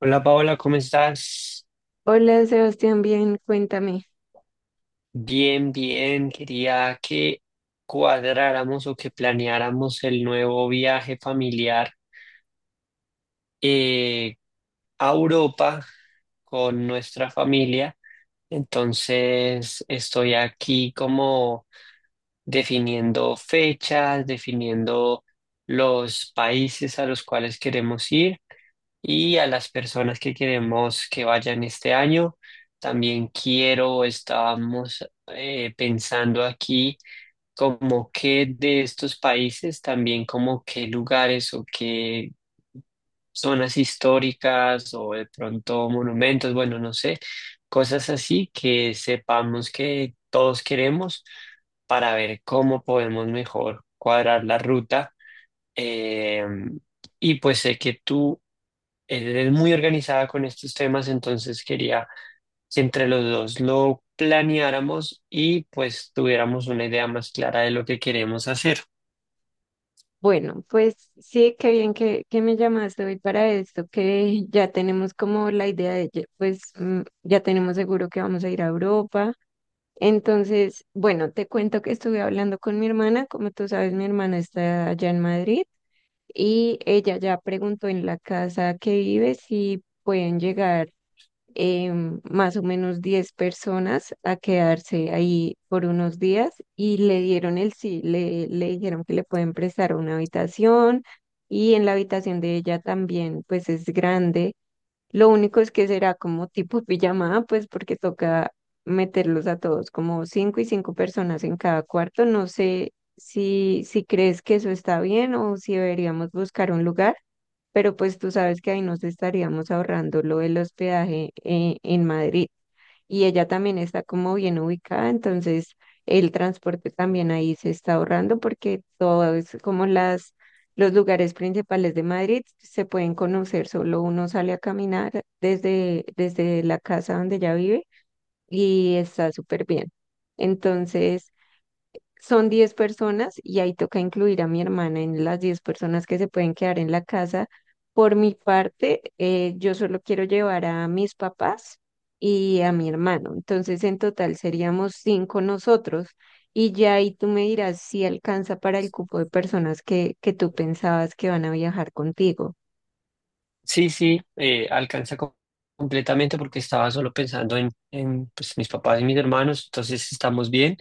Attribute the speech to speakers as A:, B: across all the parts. A: Hola Paola, ¿cómo estás?
B: Hola Sebastián, bien, cuéntame.
A: Bien, bien. Quería que cuadráramos o que planeáramos el nuevo viaje familiar eh, a Europa con nuestra familia. Entonces, estoy aquí como definiendo fechas, definiendo los países a los cuales queremos ir, y a las personas que queremos que vayan este año. También quiero, estábamos pensando aquí como que de estos países, también como qué lugares o qué zonas históricas o de pronto monumentos, bueno, no sé, cosas así que sepamos que todos queremos para ver cómo podemos mejor cuadrar la ruta. Eh, y pues sé que tú, él es muy organizada con estos temas, entonces quería que entre los dos lo planeáramos y pues tuviéramos una idea más clara de lo que queremos hacer.
B: Bueno, pues sí, qué bien que me llamaste hoy para esto, que ya tenemos como la idea de, que, pues ya tenemos seguro que vamos a ir a Europa. Entonces, bueno, te cuento que estuve hablando con mi hermana, como tú sabes, mi hermana está allá en Madrid y ella ya preguntó en la casa que vive si pueden llegar. eh, Más o menos 10 personas a quedarse ahí por unos días y le dieron el sí, le dijeron que le pueden prestar una habitación y en la habitación de ella también, pues es grande. Lo único es que será como tipo pijamada, pues porque toca meterlos a todos, como 5 y 5 personas en cada cuarto. No sé si crees que eso está bien o si deberíamos buscar un lugar, pero pues tú sabes que ahí nos estaríamos ahorrando lo del hospedaje, en Madrid, y ella también está como bien ubicada. Entonces el transporte también ahí se está ahorrando porque todo es como las, los lugares principales de Madrid se pueden conocer, solo uno sale a caminar desde la casa donde ella vive y está súper bien. Entonces, son 10 personas y ahí toca incluir a mi hermana en las 10 personas que se pueden quedar en la casa. Por mi parte, yo solo quiero llevar a mis papás y a mi hermano. Entonces, en total seríamos 5 nosotros. Y ya ahí tú me dirás si alcanza para el cupo de personas que tú pensabas que van a viajar contigo.
A: Sí, sí, alcanza completamente porque estaba solo pensando pues, mis papás y mis hermanos, entonces estamos bien.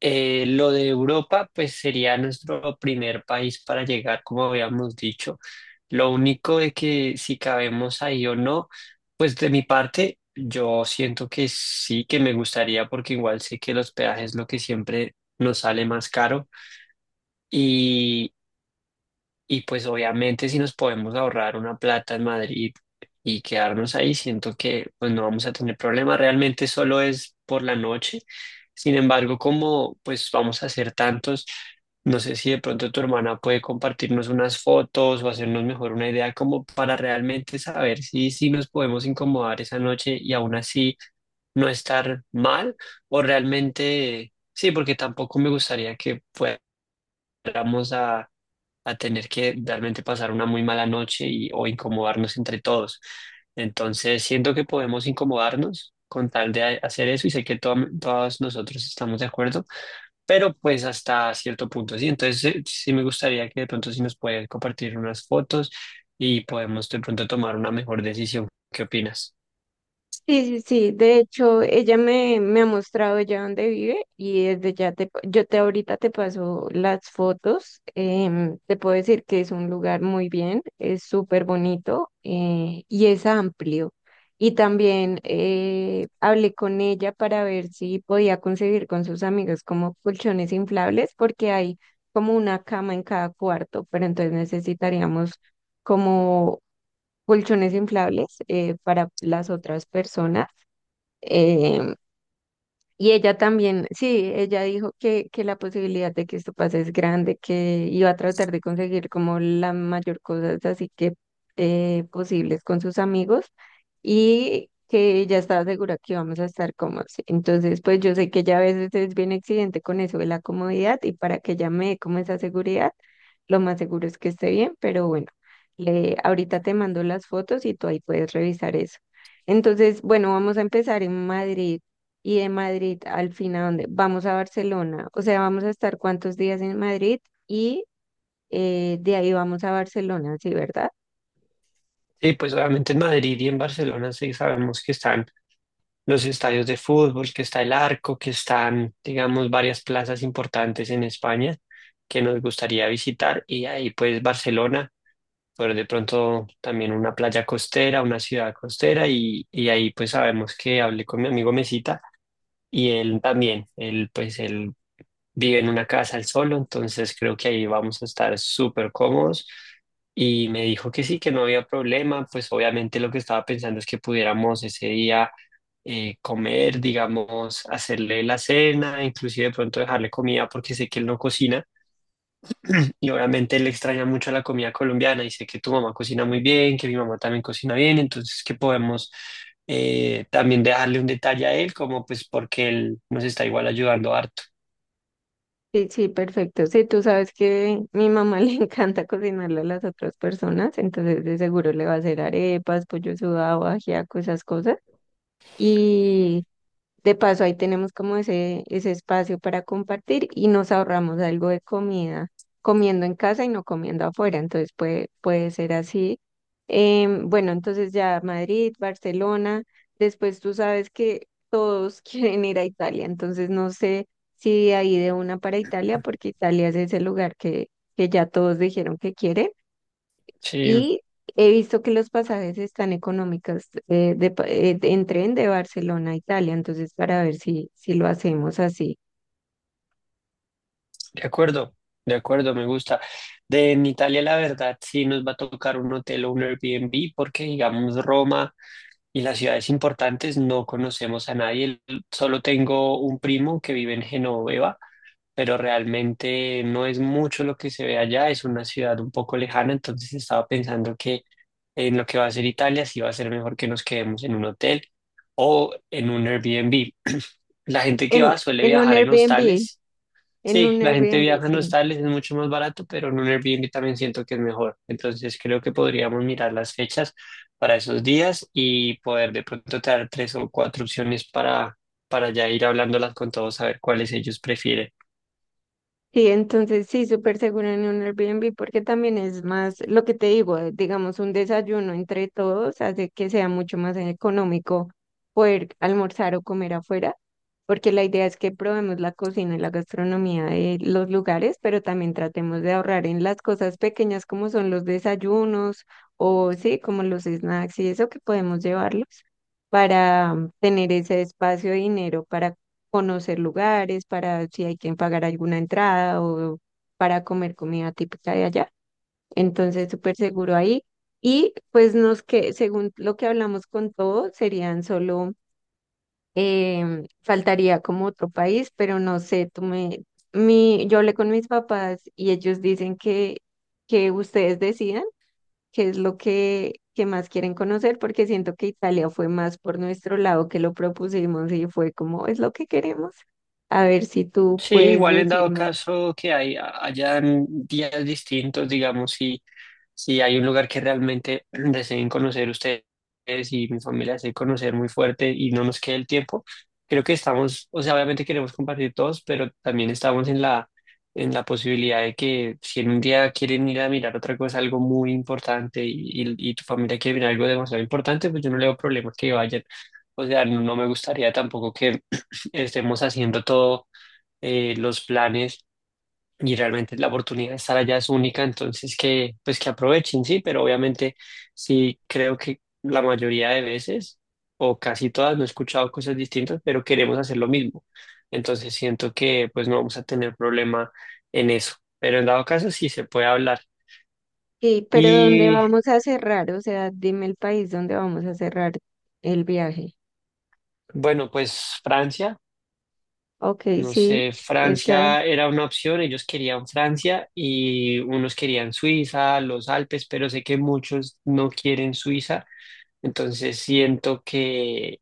A: Lo de Europa, pues sería nuestro primer país para llegar, como habíamos dicho. Lo único de que si cabemos ahí o no, pues de mi parte, yo siento que sí, que me gustaría, porque igual sé que los peajes es lo que siempre nos sale más caro. Y pues obviamente si nos podemos ahorrar una plata en Madrid y quedarnos ahí, siento que pues no vamos a tener problema. Realmente solo es por la noche. Sin embargo, como pues vamos a hacer tantos, no sé si de pronto tu hermana puede compartirnos unas fotos o hacernos mejor una idea como para realmente saber si, si nos podemos incomodar esa noche y aún así no estar mal, o realmente sí, porque tampoco me gustaría que fuéramos a tener que realmente pasar una muy mala noche y, o incomodarnos entre todos. Entonces, siento que podemos incomodarnos con tal de hacer eso y sé que todos nosotros estamos de acuerdo, pero pues hasta cierto punto, sí. Entonces, sí me gustaría que de pronto si nos puedes compartir unas fotos y podemos de pronto tomar una mejor decisión. ¿Qué opinas?
B: Sí, sí, sí, de hecho ella me ha mostrado ya dónde vive y desde ya yo te ahorita te paso las fotos. Te puedo decir que es un lugar muy bien, es súper bonito, y es amplio. Y también, hablé con ella para ver si podía conseguir con sus amigos como colchones inflables, porque hay como una cama en cada cuarto, pero entonces necesitaríamos como colchones inflables, para las otras personas. Eh, y ella también, sí, ella dijo que la posibilidad de que esto pase es grande, que iba a tratar de conseguir como la mayor cosas así que posibles con sus amigos, y que ella estaba segura que íbamos a estar cómodos. Entonces, pues yo sé que ella a veces es bien exigente con eso de la comodidad, y para que ella me dé como esa seguridad, lo más seguro es que esté bien. Pero bueno, ahorita te mando las fotos y tú ahí puedes revisar eso. Entonces, bueno, vamos a empezar en Madrid, y de Madrid al fin ¿a dónde? ¿Vamos a Barcelona? O sea, ¿vamos a estar cuántos días en Madrid y de ahí vamos a Barcelona, sí, verdad?
A: Sí, pues obviamente en Madrid y en Barcelona sí sabemos que están los estadios de fútbol, que está el Arco, que están, digamos, varias plazas importantes en España que nos gustaría visitar y ahí pues Barcelona, pero de pronto también una playa costera, una ciudad costera. Y, y ahí pues sabemos que hablé con mi amigo Mesita y él también, él pues él vive en una casa al solo, entonces creo que ahí vamos a estar súper cómodos. Y me dijo que sí, que no había problema. Pues obviamente lo que estaba pensando es que pudiéramos ese día comer, digamos, hacerle la cena, inclusive de pronto dejarle comida porque sé que él no cocina y obviamente él extraña mucho la comida colombiana y sé que tu mamá cocina muy bien, que mi mamá también cocina bien, entonces que podemos también dejarle un detalle a él, como pues porque él nos está igual ayudando harto.
B: Sí, sí, perfecto. Sí, tú sabes que mi mamá le encanta cocinarle a las otras personas, entonces de seguro le va a hacer arepas, pollo sudado, ajiaco, esas cosas. Y de paso, ahí tenemos como ese espacio para compartir y nos ahorramos algo de comida, comiendo en casa y no comiendo afuera. Entonces puede ser así. Bueno, entonces ya Madrid, Barcelona. Después tú sabes que todos quieren ir a Italia. Entonces no sé si de ahí de una para Italia, porque Italia es ese lugar que ya todos dijeron que quieren.
A: Sí.
B: Y he visto que los pasajes están económicos, en tren de Barcelona a Italia, entonces para ver si lo hacemos así.
A: De acuerdo, de acuerdo, me gusta. De en Italia, la verdad, sí nos va a tocar un hotel o un Airbnb porque, digamos, Roma y las ciudades importantes no conocemos a nadie. Solo tengo un primo que vive en Genoveva, pero realmente no es mucho lo que se ve allá. Es una ciudad un poco lejana, entonces estaba pensando que en lo que va a ser Italia, sí va a ser mejor que nos quedemos en un hotel o en un Airbnb. La gente que
B: En,
A: va suele
B: en un
A: viajar en
B: Airbnb,
A: hostales.
B: en
A: Sí,
B: un
A: la gente
B: Airbnb,
A: viaja en
B: sí.
A: hostales, es mucho más barato, pero en un Airbnb también siento que es mejor. Entonces creo que podríamos mirar las fechas para esos días y poder de pronto traer tres o cuatro opciones para ya ir hablándolas con todos, a ver cuáles ellos prefieren.
B: Sí, entonces sí, súper seguro en un Airbnb, porque también es más lo que te digo. Digamos, un desayuno entre todos hace que sea mucho más económico poder almorzar o comer afuera, porque la idea es que probemos la cocina y la gastronomía de los lugares, pero también tratemos de ahorrar en las cosas pequeñas como son los desayunos, o sí, como los snacks y eso que podemos llevarlos para tener ese espacio de dinero para conocer lugares, para si hay que pagar alguna entrada, o para comer comida típica de allá. Entonces, súper seguro ahí. Y pues nos que, según lo que hablamos con todo, serían solo, faltaría como otro país. Pero no sé, yo hablé con mis papás y ellos dicen que ustedes decidan qué es lo que más quieren conocer, porque siento que Italia fue más por nuestro lado que lo propusimos y fue como, es lo que queremos. A ver si tú
A: Sí,
B: puedes
A: igual en dado
B: decirme,
A: caso que hay, hayan días distintos, digamos, si, si hay un lugar que realmente deseen conocer ustedes y mi familia desee conocer muy fuerte y no nos quede el tiempo, creo que estamos, o sea, obviamente queremos compartir todos, pero también estamos en la posibilidad de que si en un día quieren ir a mirar otra cosa, algo muy importante y tu familia quiere mirar algo demasiado importante, pues yo no le veo problema que vayan. O sea, no me gustaría tampoco que estemos haciendo todo los planes y realmente la oportunidad de estar allá es única, entonces que pues que aprovechen, sí, pero obviamente sí creo que la mayoría de veces o casi todas no he escuchado cosas distintas, pero queremos hacer lo mismo. Entonces siento que pues no vamos a tener problema en eso, pero en dado caso sí se puede hablar.
B: sí, pero ¿dónde
A: Y
B: vamos a cerrar? O sea, dime el país donde vamos a cerrar el viaje.
A: bueno, pues Francia.
B: Ok,
A: No
B: sí,
A: sé,
B: está.
A: Francia era una opción, ellos querían Francia y unos querían Suiza, los Alpes, pero sé que muchos no quieren Suiza, entonces siento que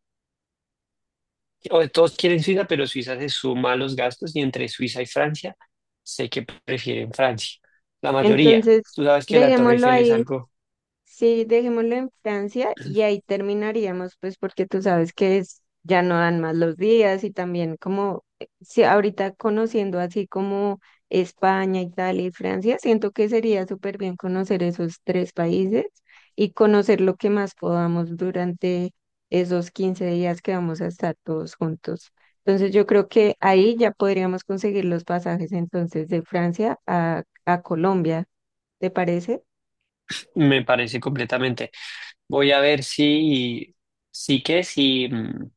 A: o todos quieren Suiza, pero Suiza se suma a los gastos y entre Suiza y Francia sé que prefieren Francia, la mayoría.
B: Entonces,
A: Tú sabes que la Torre
B: dejémoslo
A: Eiffel es
B: ahí.
A: algo,
B: Sí, dejémoslo en Francia y ahí terminaríamos, pues porque tú sabes que es, ya no dan más los días. Y también como, si ahorita conociendo así como España, Italia y Francia, siento que sería súper bien conocer esos 3 países y conocer lo que más podamos durante esos 15 días que vamos a estar todos juntos. Entonces yo creo que ahí ya podríamos conseguir los pasajes entonces de Francia a Colombia, ¿te parece?
A: me parece completamente. Voy a ver si, sí que si...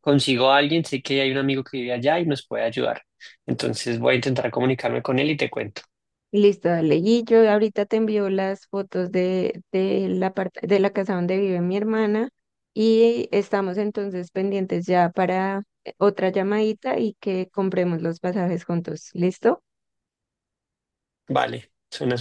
A: consigo a alguien, sé que hay un amigo que vive allá y nos puede ayudar. Entonces voy a intentar comunicarme con él y te cuento.
B: Listo, dale. Y yo ahorita te envío las fotos de la parte de la casa donde vive mi hermana, y estamos entonces pendientes ya para otra llamadita y que compremos los pasajes juntos. ¿Listo?
A: Vale, suena